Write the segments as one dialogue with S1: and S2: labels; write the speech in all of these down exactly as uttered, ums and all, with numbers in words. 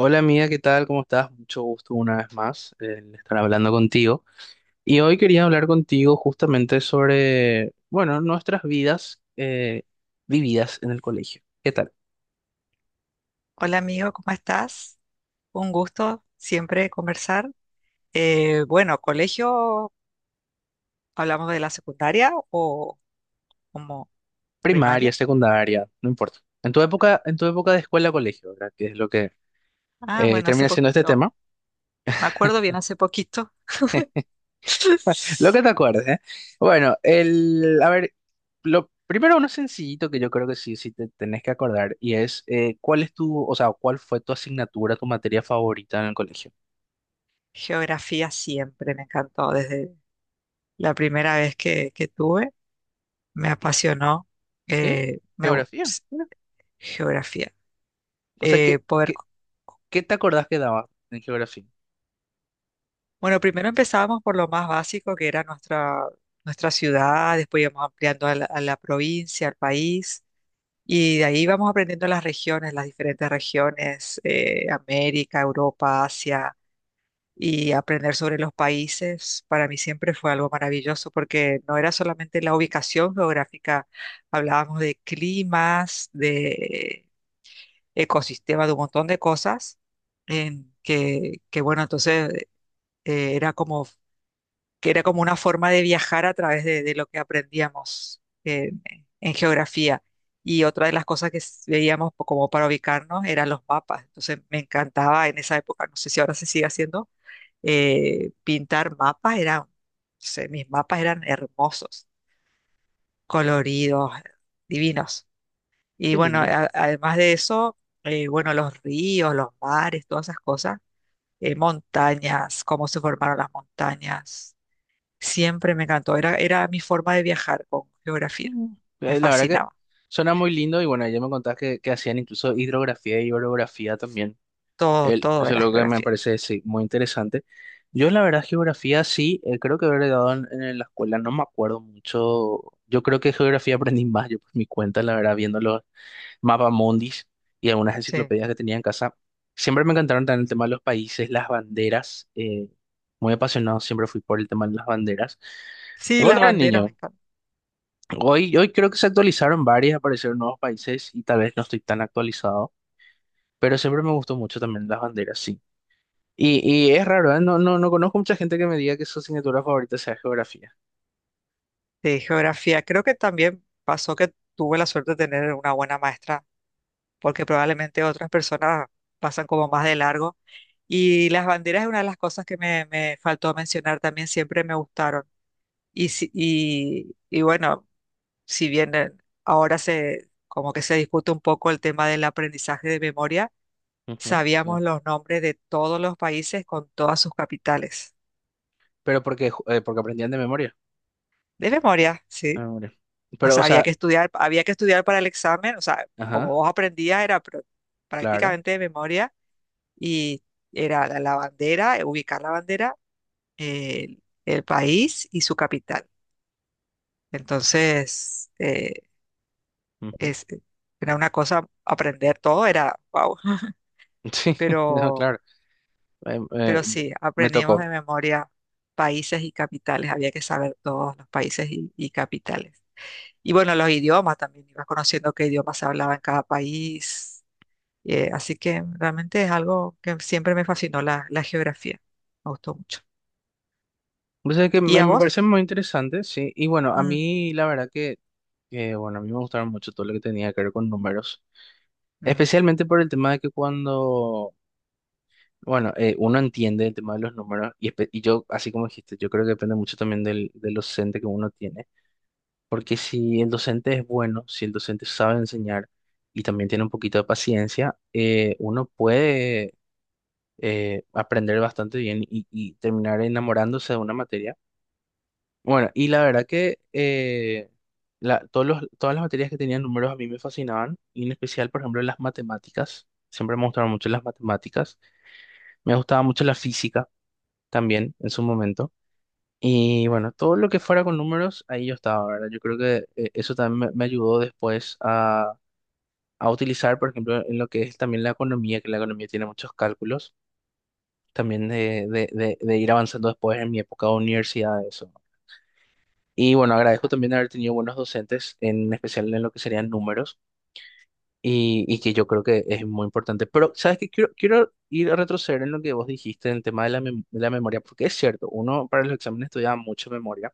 S1: Hola amiga, ¿qué tal? ¿Cómo estás? Mucho gusto una vez más eh, en estar hablando contigo. Y hoy quería hablar contigo justamente sobre, bueno, nuestras vidas eh, vividas en el colegio. ¿Qué tal?
S2: Hola amigo, ¿cómo estás? Un gusto siempre conversar. Eh, bueno, colegio, ¿hablamos de la secundaria o como
S1: Primaria,
S2: primaria?
S1: secundaria, no importa. En tu época, en tu época de escuela-colegio, ¿verdad? Que es lo que
S2: Ah,
S1: eh,
S2: bueno, hace
S1: termina siendo este
S2: poquito.
S1: tema.
S2: Me acuerdo bien hace poquito.
S1: Lo que te acuerdes, ¿eh? Bueno, el, a ver, lo primero uno sencillito que yo creo que sí, sí te tenés que acordar y es eh, ¿cuál es tu, o sea, cuál fue tu asignatura, tu materia favorita en el colegio?
S2: Geografía siempre me encantó desde la primera vez que, que tuve. Me apasionó.
S1: ¿Sí?
S2: eh, me, gus-
S1: Geografía, mira.
S2: Geografía.
S1: O sea,
S2: Eh,
S1: ¿qué,
S2: poder
S1: qué, qué te acordás que daba en geografía?
S2: Bueno, primero empezábamos por lo más básico, que era nuestra, nuestra ciudad, después íbamos ampliando a la, a la provincia, al país, y de ahí íbamos aprendiendo las regiones, las diferentes regiones, eh, América, Europa, Asia, y aprender sobre los países. Para mí siempre fue algo maravilloso, porque no era solamente la ubicación geográfica, hablábamos de climas, de ecosistemas, de un montón de cosas en que, que bueno, entonces eh, era como que era como una forma de viajar a través de, de lo que aprendíamos eh, en geografía. Y otra de las cosas que s- veíamos po- como para ubicarnos eran los mapas. Entonces me encantaba en esa época, no sé si ahora se sigue haciendo, eh, pintar mapas. Eran, no sé, mis mapas eran hermosos, coloridos, divinos. Y
S1: Qué
S2: bueno,
S1: lindo.
S2: a- además de eso, eh, bueno, los ríos, los mares, todas esas cosas, eh, montañas, cómo se formaron las montañas. Siempre me encantó. Era, era mi forma de viajar con geografía.
S1: Mm.
S2: Me
S1: Eh, la verdad que
S2: fascinaba.
S1: suena muy lindo y bueno, ya me contás que, que hacían incluso hidrografía y orografía también.
S2: Todo,
S1: El,
S2: todo
S1: eso es
S2: era
S1: lo que me
S2: geografía.
S1: parece sí, muy interesante. Yo la verdad geografía sí, eh, creo que haber dado en, en la escuela, no me acuerdo mucho. Yo creo que geografía aprendí más yo por mi cuenta, la verdad, viendo mundis y algunas
S2: Sí.
S1: enciclopedias que tenía en casa. Siempre me encantaron también el tema de los países, las banderas. Eh, muy apasionado siempre fui por el tema de las banderas. Y
S2: Sí,
S1: cuando
S2: las
S1: era
S2: banderas me
S1: niño,
S2: encantan.
S1: hoy, hoy creo que se actualizaron varias, aparecieron nuevos países y tal vez no estoy tan actualizado, pero siempre me gustó mucho también las banderas, sí. Y, y es raro, ¿eh? No, no, no conozco mucha gente que me diga que su asignatura favorita sea geografía.
S2: Sí, geografía. Creo que también pasó que tuve la suerte de tener una buena maestra, porque probablemente otras personas pasan como más de largo. Y las banderas es una de las cosas que me, me faltó mencionar también, siempre me gustaron. Y, si- y, y bueno, si bien eh, ahora se, como que se discute un poco el tema del aprendizaje de memoria.
S1: Ujú, sí.
S2: Sabíamos los nombres de todos los países con todas sus capitales.
S1: Pero porque, ju- eh, porque aprendían de memoria,
S2: De memoria,
S1: de
S2: sí.
S1: memoria.
S2: O
S1: Pero, o
S2: sea, había
S1: sea,
S2: que estudiar, había que estudiar para el examen. O sea, como
S1: ajá,
S2: vos aprendías, era pr-
S1: claro,
S2: prácticamente de memoria. Y era la, la bandera, eh, ubicar la bandera, el, el país y su capital. Entonces, eh,
S1: ujú.
S2: es, era una cosa aprender todo, era wow.
S1: Sí,
S2: Pero
S1: no, claro. eh,
S2: Pero
S1: eh,
S2: sí,
S1: me
S2: aprendimos de
S1: tocó.
S2: memoria países y capitales, había que saber todos los países y, y capitales. Y bueno, los idiomas también, ibas conociendo qué idioma se hablaba en cada país. Eh, así que realmente es algo que siempre me fascinó la, la geografía, me gustó mucho.
S1: O sea que
S2: ¿Y
S1: me,
S2: a
S1: me parece
S2: vos?
S1: muy interesante, sí. Y bueno, a
S2: Mm,
S1: mí la verdad que, que, bueno, a mí me gustaron mucho todo lo que tenía que ver con números.
S2: mm,
S1: Especialmente por el tema de que cuando, bueno, eh, uno entiende el tema de los números y, espe- y yo, así como dijiste, yo creo que depende mucho también del, del docente que uno tiene. Porque si el docente es bueno, si el docente sabe enseñar y también tiene un poquito de paciencia, eh, uno puede eh, aprender bastante bien y y terminar enamorándose de una materia. Bueno, y la verdad que eh, la- todos los, todas las materias que tenían números a mí me fascinaban, y en especial, por ejemplo, las matemáticas. Siempre me gustaron mucho las matemáticas. Me gustaba mucho la física también en su momento. Y bueno, todo lo que fuera con números, ahí yo estaba, ¿verdad? Yo creo que eh, eso también me, me ayudó después a, a utilizar, por ejemplo, en lo que es también la economía, que la economía tiene muchos cálculos, también de, de, de, de ir avanzando después en mi época de universidad, eso. Y bueno, agradezco
S2: ah,
S1: también haber tenido buenos docentes, en especial en lo que serían números, y, y que yo creo que es muy importante. Pero, ¿sabes qué? Quiero, quiero ir a retroceder en lo que vos dijiste en el tema de la, mem- de la memoria, porque es cierto, uno para los exámenes estudia mucha memoria.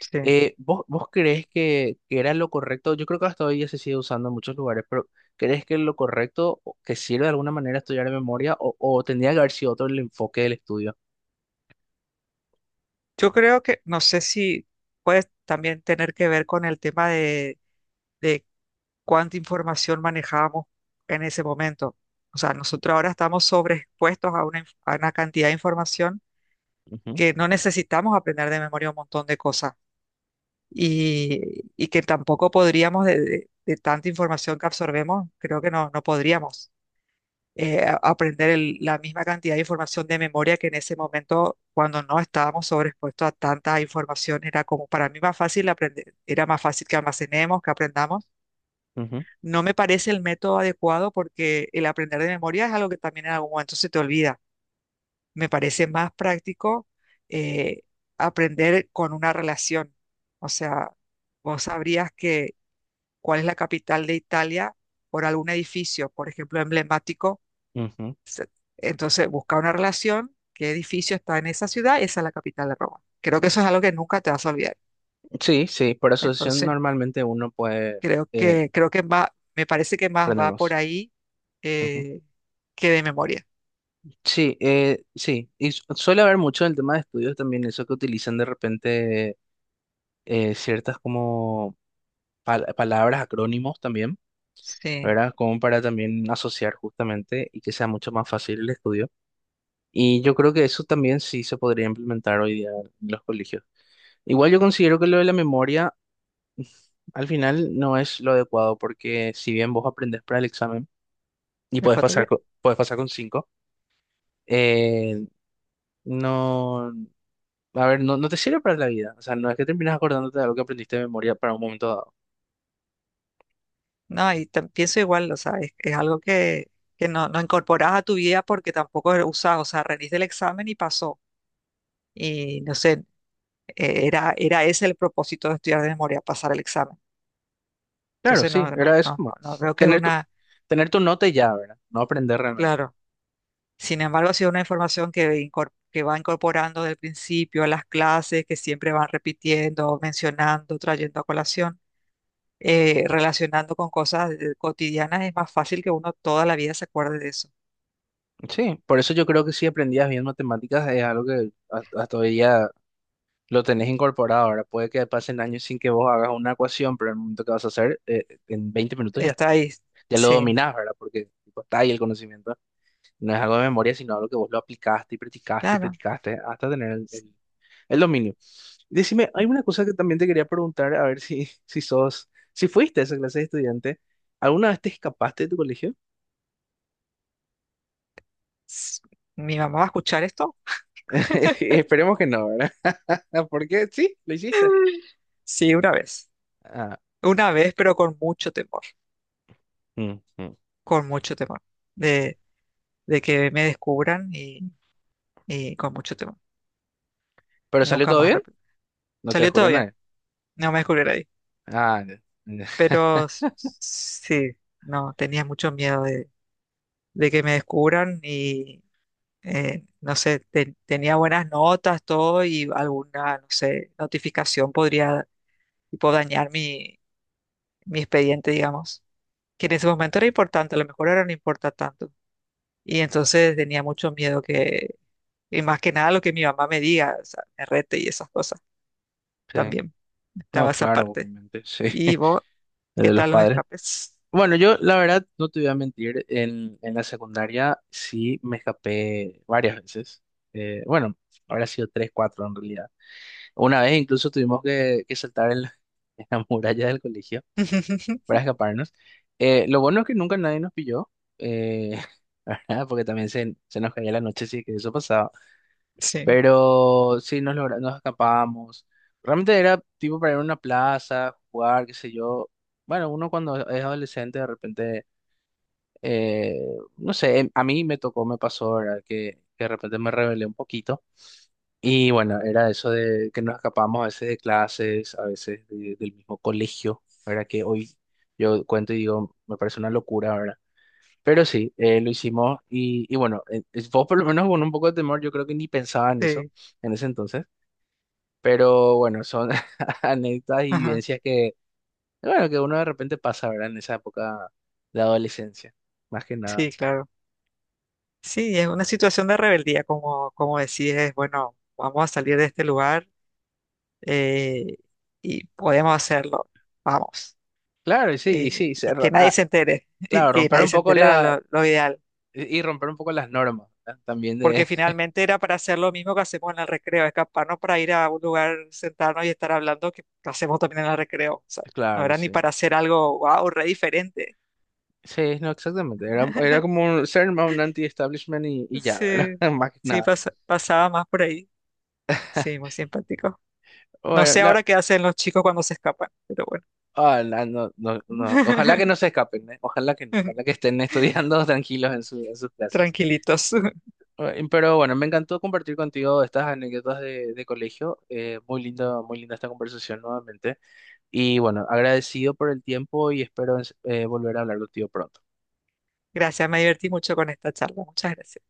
S2: sí.
S1: Eh, ¿vos, vos crees que, que era lo correcto? Yo creo que hasta hoy ya se sigue usando en muchos lugares, pero ¿crees que lo correcto, o que sirve de alguna manera estudiar de memoria, o, o tendría que haber sido otro el enfoque del estudio?
S2: Yo creo que, no sé si puede también tener que ver con el tema de, cuánta información manejábamos en ese momento. O sea, nosotros ahora estamos sobreexpuestos a una, inf- a una cantidad de información
S1: Ujú,
S2: que no necesitamos aprender de memoria un montón de cosas y, y que tampoco podríamos, de, de- de tanta información que absorbemos, creo que no, no podríamos eh, a- aprender el- la misma cantidad de información de memoria que en ese momento, cuando no estábamos sobreexpuestos a tanta información, era como para mí más fácil aprender, era más fácil que almacenemos, que aprendamos.
S1: ujú,
S2: No me parece el método adecuado porque el aprender de memoria es algo que también en algún momento se te olvida. Me parece más práctico eh, aprender con una relación. O sea, vos sabrías que cuál es la capital de Italia por algún edificio, por ejemplo, emblemático.
S1: ujú.
S2: Entonces, busca una relación, qué edificio está en esa ciudad, esa es la capital de Roma. Creo que eso es algo que nunca te vas a olvidar.
S1: Sí, sí, por asociación
S2: Entonces,
S1: normalmente uno puede
S2: creo
S1: eh,
S2: que, creo que va, me parece que más
S1: aprender
S2: va por
S1: más.
S2: ahí, eh, que de memoria.
S1: Sí, eh, sí, y su- suele haber mucho en el tema de estudios también eso que utilizan de repente eh, ciertas como pal- palabras, acrónimos también,
S2: Sí,
S1: ¿verdad? Como para también asociar justamente y que sea mucho más fácil el estudio. Y yo creo que eso también sí se podría implementar hoy día en los colegios. Igual yo considero que lo de la memoria al final no es lo adecuado porque si bien vos aprendés para el examen y podés
S2: después te voy
S1: pasar,
S2: a-
S1: co- podés pasar con cinco, eh, no. A ver, no, no te sirve para la vida. O sea, no es que terminas acordándote de algo que aprendiste de memoria para un momento dado.
S2: No, y tam- pienso igual, o sea, es, es algo que, que no, no incorporas a tu vida porque tampoco lo usás, o sea, rendiste el examen y pasó. Y no sé, eh, era, era ese el propósito de estudiar de memoria, pasar el examen.
S1: Claro,
S2: Entonces, no,
S1: sí,
S2: no,
S1: era
S2: no,
S1: eso
S2: no,
S1: más.
S2: no veo que es
S1: Tener tu,
S2: una,
S1: tener tu nota y ya, ¿verdad? No aprender realmente.
S2: claro. Sin embargo, ha sido una información que, incor- que va incorporando del principio a las clases, que siempre van repitiendo, mencionando, trayendo a colación, eh, relacionando con cosas eh, cotidianas, es más fácil que uno toda la vida se acuerde de eso.
S1: Sí, por eso yo creo que si aprendías bien matemáticas es algo que hasta hasta hoy día lo tenés incorporado. Ahora puede que pasen años sin que vos hagas una ecuación, pero en el momento que vas a hacer, eh, en veinte minutos ya,
S2: Está ahí.
S1: ya lo
S2: Sí,
S1: dominás, ¿verdad? Porque tipo, está ahí el conocimiento. No es algo de memoria, sino algo que vos lo aplicaste y practicaste y
S2: claro.
S1: practicaste hasta tener el,
S2: Sí,
S1: el- el dominio. Decime, hay una cosa que también te quería preguntar, a ver si, si sos, si fuiste a esa clase de estudiante, ¿alguna vez te escapaste de tu colegio?
S2: sí. ¿Mi mamá va a escuchar esto?
S1: Esperemos que no, ¿verdad? Porque sí, lo hiciste.
S2: Sí, una vez.
S1: Ah,
S2: Una vez, pero con mucho temor.
S1: mm, mm.
S2: Con mucho temor. De, de que me descubran y, y con mucho temor.
S1: ¿Pero salió
S2: Nunca
S1: todo
S2: más.
S1: bien?
S2: Rep-
S1: ¿No te
S2: Salió
S1: descubrió
S2: todo bien.
S1: nadie?
S2: No me descubrieron ahí.
S1: Ah, ya, ya.
S2: Pero s- sí, no, tenía mucho miedo de, de que me descubran y eh, no sé, te- tenía buenas notas, todo y alguna, no sé, notificación podría tipo dañar mi mi expediente, digamos, que en ese momento era importante, a lo mejor ahora no importa tanto. Y entonces tenía mucho miedo que, y más que nada lo que mi mamá me diga, o sea, me rete y esas cosas
S1: Sí.
S2: también. Estaba
S1: No,
S2: esa
S1: claro,
S2: parte.
S1: obviamente, sí.
S2: ¿Y vos,
S1: El
S2: qué
S1: de los
S2: tal los
S1: padres.
S2: escapes?
S1: Bueno, yo la verdad no te voy a mentir, en, en la secundaria sí me escapé varias veces. Eh, bueno, habrá sido tres, cuatro en realidad. Una vez incluso tuvimos que, que saltar en la, en la muralla del colegio para escaparnos. Eh, lo bueno es que nunca nadie nos pilló, eh, ¿verdad? Porque también se, se nos caía la noche, sí que eso pasaba.
S2: Sí,
S1: Pero sí nos, logra- nos escapábamos. Realmente era tipo para ir a una plaza, jugar, qué sé yo. Bueno, uno cuando es adolescente de repente eh, no sé, em- a mí me tocó, me pasó, ¿verdad? Que, que de repente me rebelé un poquito. Y bueno, era eso de que nos escapamos a veces de clases, a veces de- del mismo colegio, ¿verdad? Que hoy yo cuento y digo, me parece una locura, ¿verdad? Pero sí, eh, lo hicimos y, y bueno, eh, es- vos por lo menos con un poco de temor, yo creo que ni pensaba en eso
S2: sí,
S1: en ese entonces. Pero bueno, son anécdotas y
S2: ajá,
S1: vivencias que, bueno, que uno de repente pasa, ¿verdad? En esa época de adolescencia, más que nada.
S2: sí, claro. Sí, es una situación de rebeldía, como, como decides, bueno, vamos a salir de este lugar, eh, y podemos hacerlo, vamos.
S1: Claro, y sí, y
S2: Eh,
S1: sí,
S2: y
S1: se ro-
S2: que nadie
S1: ah,
S2: se entere, y
S1: claro,
S2: que
S1: romper
S2: nadie
S1: un
S2: se
S1: poco
S2: entere era
S1: la
S2: lo, lo ideal,
S1: y y romper un poco las normas, ¿verdad? También de
S2: porque finalmente era para hacer lo mismo que hacemos en el recreo, escaparnos para ir a un lugar, sentarnos y estar hablando, que hacemos también en el recreo, o sea, no
S1: claro,
S2: era ni
S1: sí.
S2: para hacer algo, wow, re diferente.
S1: Sí, no, exactamente. Era, era como un, ser más un anti-establishment y, y ya, ¿verdad?
S2: Sí,
S1: Más que
S2: sí,
S1: nada.
S2: pasa- pasaba más por ahí, sí, muy simpático. No
S1: Bueno,
S2: sé
S1: la,
S2: ahora qué hacen los chicos cuando se escapan, pero bueno,
S1: ah, la- no, no, no. Ojalá que no se escapen, ¿eh? Ojalá que no. Ojalá que estén estudiando tranquilos en, su- en sus clases.
S2: tranquilitos.
S1: Eh, Pero bueno, me encantó compartir contigo estas anécdotas de, de colegio. Eh, muy lindo, muy linda esta conversación nuevamente. Y bueno, agradecido por el tiempo y espero eh, volver a hablar contigo pronto.
S2: Gracias, me divertí mucho con esta charla, muchas gracias.